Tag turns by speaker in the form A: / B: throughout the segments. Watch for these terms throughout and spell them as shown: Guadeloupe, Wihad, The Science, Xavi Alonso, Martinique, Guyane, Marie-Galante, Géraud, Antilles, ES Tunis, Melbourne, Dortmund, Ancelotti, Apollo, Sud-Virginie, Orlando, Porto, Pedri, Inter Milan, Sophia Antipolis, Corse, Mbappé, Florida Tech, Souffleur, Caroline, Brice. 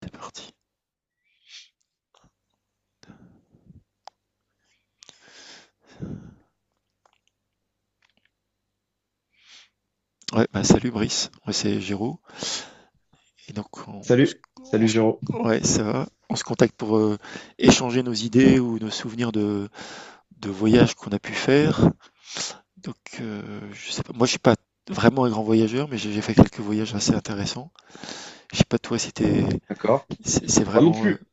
A: C'est parti. Ouais, bah salut Brice, ouais, c'est Géraud. Et donc on se,
B: Salut,
A: on
B: salut
A: se-
B: Géraud.
A: ouais, ça va. On se contacte pour échanger nos idées ou nos souvenirs de voyages qu'on a pu faire. Donc je sais pas, moi je suis pas vraiment un grand voyageur, mais j'ai fait quelques voyages assez intéressants. Je sais pas toi si t'es,
B: D'accord.
A: c'est
B: Moi non
A: vraiment
B: plus,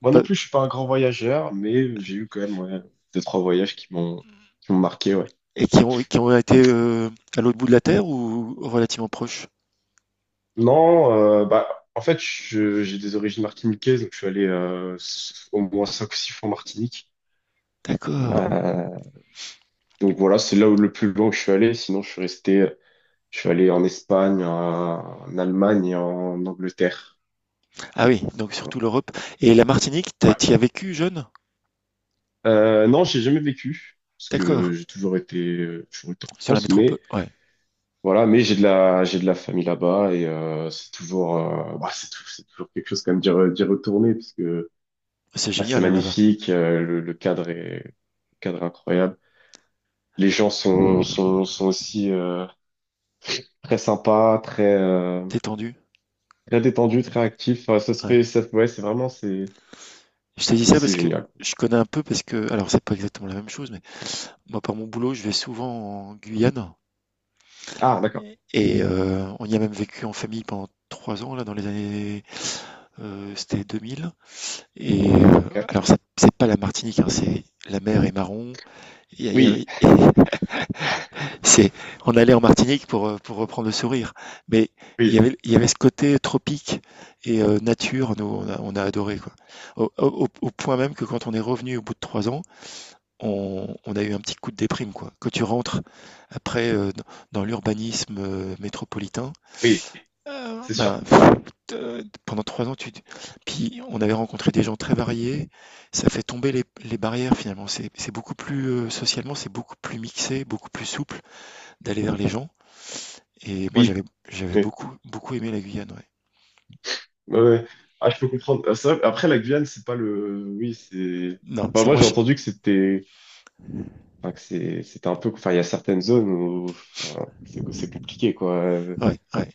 B: moi non
A: pas-
B: plus, je suis pas un grand voyageur, mais j'ai eu quand même, ouais, deux, trois voyages qui m'ont marqué, ouais.
A: et qui ont été à l'autre bout de la terre ou relativement proches.
B: Non, bah en fait, j'ai des origines martiniquaises, donc je suis allé au moins cinq ou six fois en Martinique.
A: D'accord.
B: Euh, donc voilà, c'est là où le plus loin que je suis allé. Sinon, je suis resté, je suis allé en Espagne, en Allemagne et en Angleterre.
A: Ah oui, donc
B: Voilà.
A: surtout l'Europe et la Martinique,
B: Ouais.
A: t'y as vécu jeune?
B: Non, j'ai jamais vécu parce que
A: D'accord.
B: j'ai toujours été en
A: Sur la
B: France,
A: métropole.
B: mais
A: Ouais.
B: voilà, mais j'ai de la famille là-bas et c'est toujours, bah, c'est toujours quelque chose quand même d'y retourner parce que
A: C'est
B: bah, c'est
A: génial, hein, là-bas.
B: magnifique, le cadre est incroyable. Les gens sont aussi très sympas, très,
A: Détendu.
B: très détendus, très actifs. Enfin, ça se
A: Ouais.
B: fait, ça, ouais, c'est vraiment,
A: Je te dis ça
B: c'est
A: parce que
B: génial.
A: je connais un peu parce que, alors c'est pas exactement la même chose, mais moi par mon boulot, je vais souvent en Guyane
B: Ah, d'accord.
A: et on y a même vécu en famille pendant 3 ans là dans les années, c'était 2000. Et
B: Ok.
A: alors c'est pas la Martinique, hein, c'est la mer est marron. Il y a,
B: Oui,
A: c'est, on allait en Martinique pour reprendre le sourire. Mais
B: oui,
A: il y avait ce côté tropique et nature, nous, on a adoré, quoi. Au, au point même que quand on est revenu au bout de 3 ans, on a eu un petit coup de déprime, quoi. Quand tu rentres après dans, l'urbanisme métropolitain,
B: oui, c'est sûr.
A: ben, pff, pendant 3 ans, tu... puis on avait rencontré des gens très variés. Ça fait tomber les barrières finalement. C'est beaucoup plus, socialement, c'est beaucoup plus mixé, beaucoup plus souple d'aller vers les gens. Et moi,
B: Oui,
A: j'avais
B: oui,
A: beaucoup beaucoup aimé la Guyane, ouais.
B: ouais, ouais. Ah, je peux comprendre. Ah, ça, après, la Guyane, c'est pas le, oui, c'est.
A: Non,
B: Enfin,
A: c'est
B: moi,
A: moi
B: j'ai
A: cher.
B: entendu que c'était, enfin, que c'est, c'était un peu, enfin, il y a certaines zones où, enfin, c'est compliqué, quoi.
A: Ouais, ouais.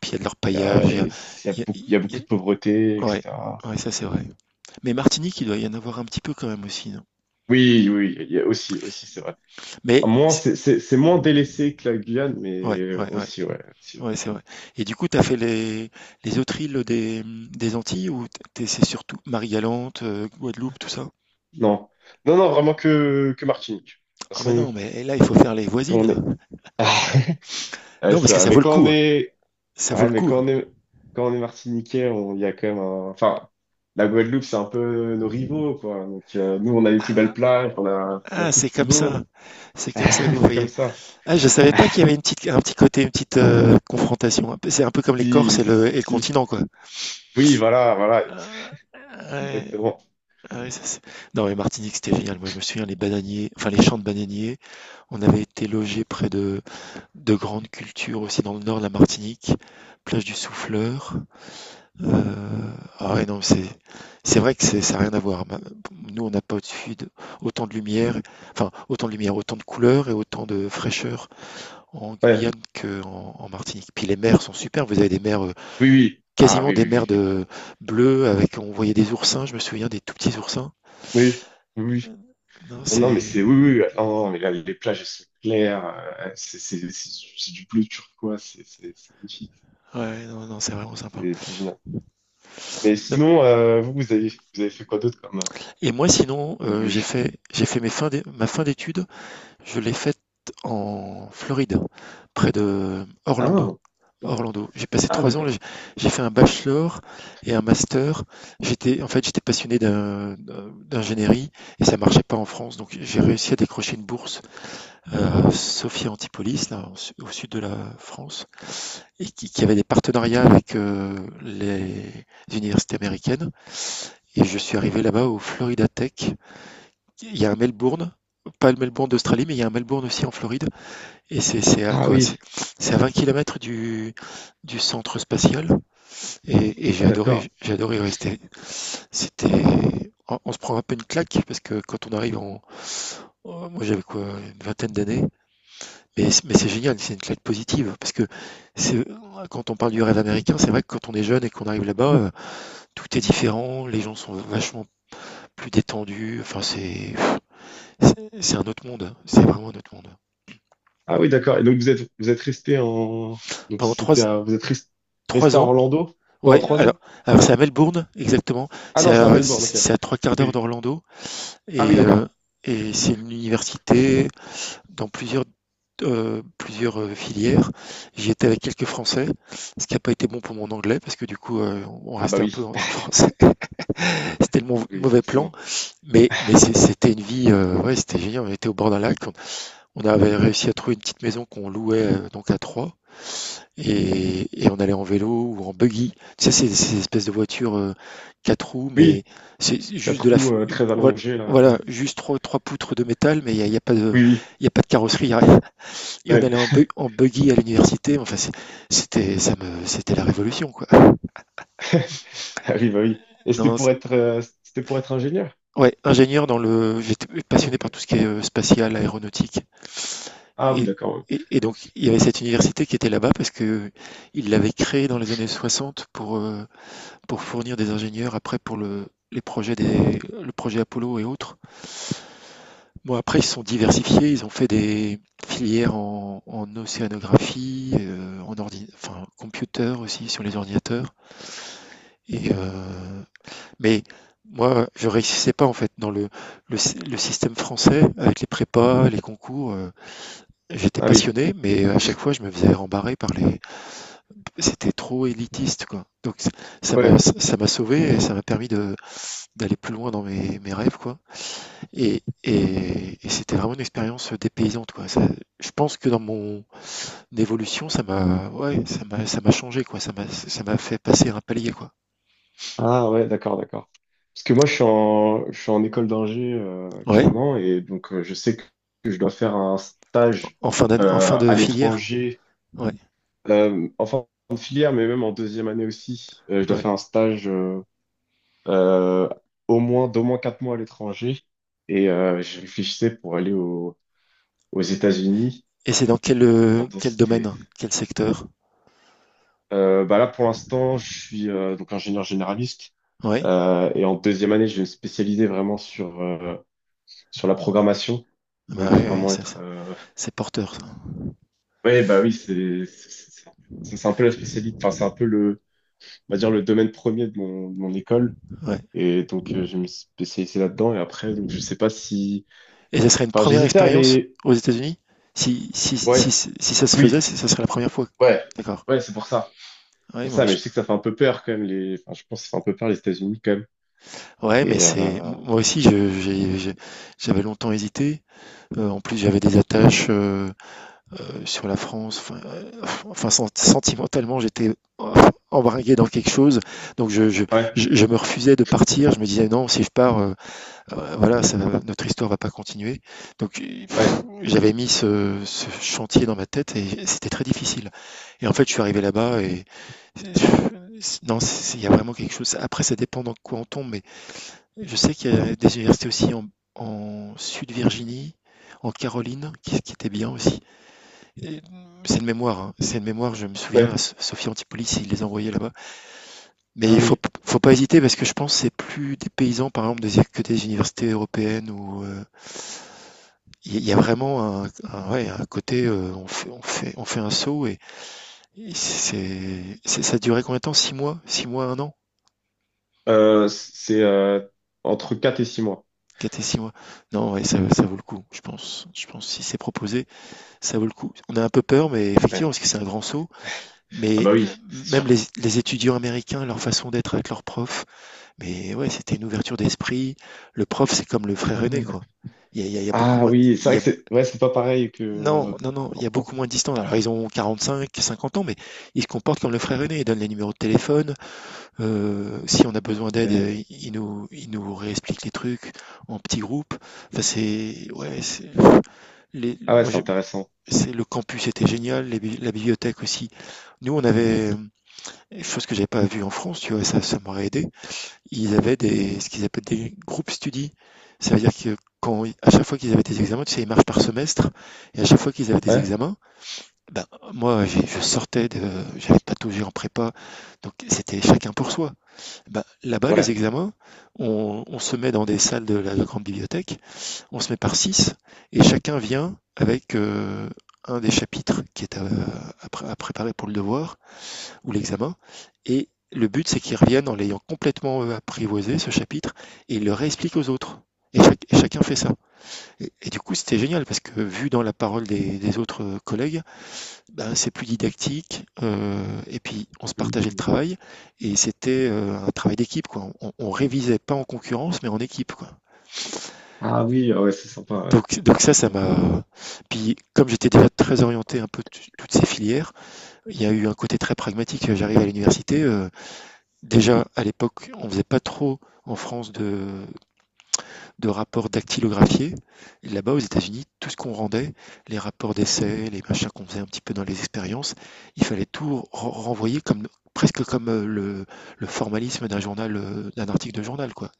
A: Puis il y a de
B: Il y
A: l'orpaillage,
B: a,
A: il y a,
B: il
A: il y a-
B: il y a
A: il y
B: beaucoup de pauvreté,
A: ouais,
B: etc.
A: ouais, ça c'est vrai. Mais Martinique, il doit y en avoir un petit peu quand même aussi, non?
B: Oui, oui, il y a aussi, aussi, c'est vrai. À
A: Mais
B: moins,
A: c'est-
B: c'est moins délaissé que la Guyane,
A: ouais,
B: mais
A: ouais, ouais,
B: aussi, ouais, aussi.
A: ouais, c'est vrai. Et du coup, t'as fait les autres îles des Antilles ou t'es c'est surtout Marie-Galante, Guadeloupe, tout ça?
B: Non, non, non, vraiment que Martinique. De toute
A: Ah bah
B: façon,
A: non, mais là, il faut faire les
B: quand
A: voisines
B: on
A: là.
B: est, ouais,
A: Non,
B: c'est
A: parce que
B: vrai,
A: ça vaut
B: mais
A: le
B: quand on
A: coup, hein.
B: est,
A: Ça vaut
B: ouais,
A: le
B: mais
A: coup, hein.
B: quand on est martiniquais, on, il y a quand même un... Enfin, la Guadeloupe, c'est un peu nos rivaux, quoi. Donc, nous, on a les plus belles plages, on a
A: Ah,
B: tout de
A: c'est
B: plus
A: comme
B: beau.
A: ça. C'est comme ça que vous
B: C'est comme
A: voyez.
B: ça.
A: Ah, je savais pas qu'il y avait une petite, un petit côté, une petite confrontation. C'est un peu comme les Corses
B: Si,
A: et
B: si,
A: le
B: si.
A: continent, quoi.
B: Oui, voilà, voilà.
A: Ah, ouais,
B: Exactement.
A: ouais, ça, non, mais Martinique, c'était génial. Moi, je me souviens, les bananiers, enfin, les champs de bananiers, on avait été logés près de grandes cultures aussi dans le nord de la Martinique, plage du Souffleur. Euh, ah ouais, non, c'est vrai que c'est, ça n'a rien à voir. Nous, on n'a pas au-dessus de, autant de lumière, enfin, autant de lumière, autant de couleurs et autant de fraîcheur en
B: Ouais.
A: Guyane qu'en en Martinique. Puis les mers sont super. Vous avez des mers,
B: Oui, oui. Ah,
A: quasiment
B: oui,
A: des
B: oui,
A: mers
B: oui, oui.
A: de bleues avec, on voyait des oursins. Je me souviens des tout petits oursins.
B: Oui, oui, oui.
A: Non,
B: Non, non, mais
A: c'est
B: c'est... Oui, oui. Non, non, mais là, les plages, elles sont claires. C'est du bleu turquoise. C'est magnifique.
A: ouais, non, non, c'est vraiment sympa.
B: C'est génial. Mais
A: Non.
B: sinon, vous avez fait quoi d'autre comme
A: Et moi, sinon,
B: voyage?
A: j'ai fait mes ma fin d'études. Je l'ai faite en Floride, près de Orlando.
B: Ah, d'accord.
A: Orlando. J'ai passé
B: Ah,
A: 3 ans là,
B: d'accord.
A: j'ai fait un bachelor et un master. J'étais, en fait, j'étais passionné d'ingénierie et ça marchait pas en France, donc j'ai réussi à décrocher une bourse à Sophia Antipolis, là, au au sud de la France, et qui avait des partenariats avec les universités américaines. Et je suis arrivé là-bas au Florida Tech. Il y a un Melbourne, pas le Melbourne d'Australie, mais il y a un Melbourne aussi en Floride. Et c'est à
B: Ah
A: quoi? C'est
B: oui.
A: c'est à 20 kilomètres du centre spatial et
B: Ah, d'accord.
A: j'ai adoré rester. C'était, on se prend un peu une claque parce que quand on arrive en, oh, moi j'avais quoi, une vingtaine d'années, mais, mais c'est génial, c'est une claque positive parce que c'est, quand on parle du rêve américain, c'est vrai que quand on est jeune et qu'on arrive là-bas, tout est différent, les gens sont vachement plus détendus, enfin c'est, c'est un autre monde, c'est vraiment un autre monde.
B: Ah oui, d'accord. Et donc, vous êtes resté en. Donc,
A: Pendant trois,
B: c'était à... resté
A: trois
B: à
A: ans,
B: Orlando pendant
A: ouais,
B: trois
A: alors,
B: ans?
A: alors c'est à Melbourne, exactement.
B: Ah non, c'est à Melbourne, ok.
A: C'est à 3/4 d'heure
B: Oui.
A: d'Orlando
B: Ah oui,
A: et, euh,
B: d'accord. Ok.
A: et c'est une université dans plusieurs, plusieurs filières. J'y étais avec quelques Français, ce qui n'a pas été bon pour mon anglais parce que du coup, on
B: Ah bah
A: restait un peu
B: oui.
A: entre Français. C'était le
B: Oui,
A: mauvais plan,
B: forcément.
A: mais c'était une vie, ouais, c'était génial. On était au bord d'un lac, on avait réussi à trouver une petite maison qu'on louait donc à trois et on allait en vélo ou en buggy. Tu sais, ces, ces espèces de voitures quatre roues, mais
B: Oui,
A: c'est juste
B: quatre
A: de la.
B: roues très
A: Voilà,
B: allongées, là.
A: voilà,
B: Ouais.
A: juste trois poutres de métal, mais il n'y a, il y a pas de,
B: Oui,
A: il y a pas de carrosserie, il y a rien. Et on
B: oui. Ouais.
A: allait en, en buggy à l'université. Enfin, c'était, ça me, c'était la révolution, quoi.
B: Ah oui, bah oui. Et
A: Non, non,
B: c'était pour être ingénieur?
A: ouais, ingénieur dans le. J'étais
B: Oh,
A: passionné par tout
B: d'accord.
A: ce qui est spatial, aéronautique.
B: Ah oui,
A: Et,
B: d'accord, ouais.
A: et donc, il y avait cette université qui était là-bas parce que il l'avait créée dans les années 60 pour, pour fournir des ingénieurs après pour le les projets des le projet Apollo et autres. Bon, après, ils se sont diversifiés, ils ont fait des filières en, en océanographie, en ordi, enfin, computer aussi sur les ordinateurs. Et, mais moi, je réussissais pas en fait dans le système français avec les prépas, les concours, j'étais
B: Ah oui.
A: passionné, mais à chaque fois, je me faisais rembarrer par les. C'était trop élitiste, quoi. Donc, ça m'a
B: Ouais.
A: ça m'a sauvé et ça m'a permis de, d'aller plus loin dans mes, mes rêves, quoi. Et c'était vraiment une expérience dépaysante, quoi. Je pense que dans mon évolution, ça m'a, ouais, ça m'a changé, quoi. Ça m'a fait passer un palier, quoi.
B: Ah ouais, d'accord, d'accord. Parce que moi, je suis en école d'ingé
A: Ouais.
B: actuellement et donc je sais que je dois faire un stage
A: En fin d'année, en fin de
B: à
A: filière.
B: l'étranger,
A: Ouais,
B: en fin de filière, mais même en deuxième année aussi. Je dois
A: ouais.
B: faire un stage euh, au moins d'au moins quatre mois à l'étranger et je réfléchissais pour aux États-Unis.
A: Et c'est dans quel,
B: En
A: quel
B: densité.
A: domaine, quel secteur?
B: Bah là, pour l'instant, je suis donc ingénieur généraliste
A: Ouais.
B: et en deuxième année, je vais me spécialiser vraiment sur sur la programmation.
A: Bah
B: Donc, je vais
A: ouais, ouais,
B: vraiment
A: ça,
B: être.
A: c'est porteur, ça.
B: Ouais, bah oui, c'est un peu la spécialité. Enfin, c'est un peu le, on va dire le domaine premier de de mon école.
A: Ouais.
B: Et donc, je me suis spécialisé là-dedans. Et après, donc, je sais pas si.
A: Et ça serait une
B: Enfin,
A: première
B: j'hésitais à
A: expérience
B: aller.
A: aux États-Unis? Si, si, si,
B: Ouais,
A: si ça se faisait,
B: oui,
A: ça serait la première fois.
B: ouais,
A: D'accord.
B: ouais, c'est pour ça. C'est
A: Ouais,
B: pour
A: moi,
B: ça, mais je sais que ça fait un peu peur quand même. Les... Enfin, je pense que ça fait un peu peur les États-Unis quand même.
A: ouais, mais
B: Et
A: c'est moi aussi j'avais longtemps hésité. En plus, j'avais des attaches sur la France. Enfin, enfin, sentimentalement, j'étais euh, embringué dans quelque chose. Donc, je,
B: ouais,
A: je me refusais de partir. Je me disais non, si je pars, voilà, notre histoire va pas continuer. Donc,
B: ouais,
A: pff, j'avais mis ce, ce chantier dans ma tête et c'était très difficile. Et en fait, je suis arrivé là-bas et non, il y a vraiment quelque chose. Après, ça dépend dans quoi on tombe, je sais qu'il y a des universités aussi en, en Sud-Virginie, en Caroline, qui étaient bien aussi. Et c'est de mémoire, hein, c'est de mémoire, je me souviens, la
B: ouais.
A: Sophie Antipolis, il les envoyait là-bas. Mais
B: Ah
A: il faut,
B: oui.
A: faut pas hésiter parce que je pense que c'est plus des paysans, par exemple, que des universités européennes où il y a vraiment un, ouais, un côté, on fait, on fait, on fait un saut et c'est, ça durait combien de temps? 6 mois? 6 mois, 1 an?
B: C'est entre 4 et 6 mois.
A: 4 et 6 mois? Non, ouais, ça vaut le coup, je pense. Je pense que si c'est proposé. Ça vaut le coup. On a un peu peur, mais
B: Ouais.
A: effectivement, parce que c'est un grand saut.
B: Ah bah
A: Mais
B: oui, c'est sûr.
A: même les étudiants américains, leur façon d'être avec leurs profs, mais ouais, c'était une ouverture d'esprit. Le prof, c'est comme le
B: Ah
A: frère aîné,
B: ouais.
A: quoi. Il y a, il y a beaucoup
B: Ah
A: moins.
B: oui, c'est
A: Il y
B: vrai
A: a,
B: que c'est, ouais, c'est pas pareil que
A: non, non, non, il
B: qu'en
A: y a
B: France.
A: beaucoup moins de distance. Alors, ils ont 45, 50 ans, mais ils se comportent comme le frère aîné. Ils donnent les numéros de téléphone. Si on a besoin d'aide,
B: Mais-
A: ils nous réexpliquent les trucs en petits groupes. Enfin, c'est. Ouais, c'est. Les-
B: ah ouais,
A: moi,
B: c'est intéressant.
A: c'est le campus était génial, les la bibliothèque aussi. Nous, on avait, chose que j'avais pas vue en France, tu vois, ça m'aurait aidé. Ils avaient des, ce qu'ils appellent des groupes study. Ça veut dire que quand, à chaque fois qu'ils avaient des examens, tu sais, ils marchent par semestre, et à chaque fois qu'ils avaient des
B: Ouais,
A: examens, ben, moi, je sortais de, j'avais pataugé en prépa, donc c'était chacun pour soi. Ben, là-bas, les
B: ouais.
A: examens, on se met dans des salles de la grande bibliothèque, on se met par six, et chacun vient avec un des chapitres qui est à, à préparer pour le devoir ou l'examen, et le but c'est qu'ils reviennent en l'ayant complètement apprivoisé, ce chapitre, et ils le réexpliquent aux autres. Et, et chacun fait ça. Et du coup, c'était génial parce que vu dans la parole des autres collègues, ben, c'est plus didactique, et puis, on se partageait le
B: Mhm.
A: travail. Et c'était un travail d'équipe, quoi. On révisait pas en concurrence, mais en équipe, quoi.
B: Ah oui, ah ouais, c'est sympa, ouais.
A: Donc ça, ça
B: Ouais.
A: m'a puis comme j'étais déjà très orienté un peu t toutes ces filières, il y a eu un côté très pragmatique, j'arrive à l'université, déjà à l'époque, on faisait pas trop en France de rapports dactylographiés et là-bas, aux États-Unis, tout ce qu'on rendait, les rapports d'essais, les machins qu'on faisait un petit peu dans les expériences, il fallait tout renvoyer comme presque comme, le formalisme d'un journal, d'un article de journal, quoi.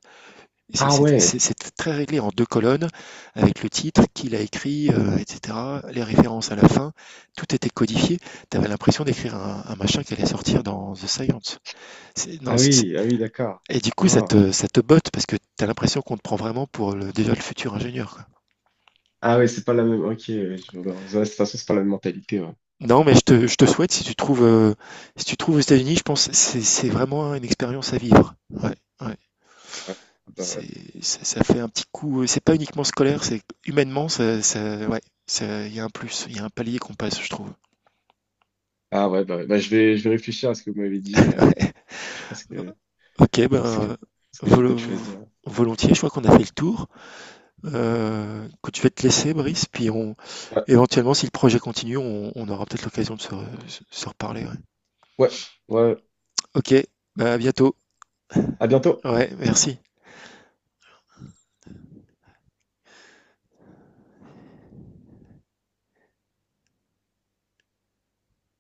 B: Ah ouais,
A: C'est très réglé en deux colonnes, avec le titre, qui l'a écrit, etc. Les références à la fin, tout était codifié. Tu avais l'impression d'écrire un machin qui allait sortir dans The Science. Non,
B: ah oui, ah oui, d'accord.
A: et du coup,
B: Ah,
A: ça te botte parce que tu as l'impression qu'on te prend vraiment pour le, déjà le futur ingénieur, quoi.
B: ah ouais, c'est pas la même. Ok, ouais, je... vois. Ouais, de toute façon, c'est pas la même mentalité. Ouais.
A: Non, mais je te souhaite, si tu trouves, si tu trouves aux États-Unis, je pense que c'est vraiment une expérience à vivre. Ouais, ouais.
B: Ouais. Ah bah, ouais,
A: C'est ça ça fait un petit coup, c'est pas uniquement scolaire, c'est humainement, ça ça ouais, ça il y a un plus, il y a un palier qu'on passe, je trouve.
B: ah ouais. Bah, je vais réfléchir à ce que vous m'avez dit. Je pense que,
A: OK,
B: je
A: ben,
B: pense que je vais
A: volo
B: peut-être choisir.
A: volontiers, je crois qu'on a fait le tour. Écoute, je vais te laisser Brice, puis on
B: Ouais,
A: éventuellement, si le projet continue, on aura peut-être l'occasion de se se reparler, ouais.
B: ouais, ouais.
A: OK, ben à bientôt.
B: À bientôt.
A: Ouais, merci.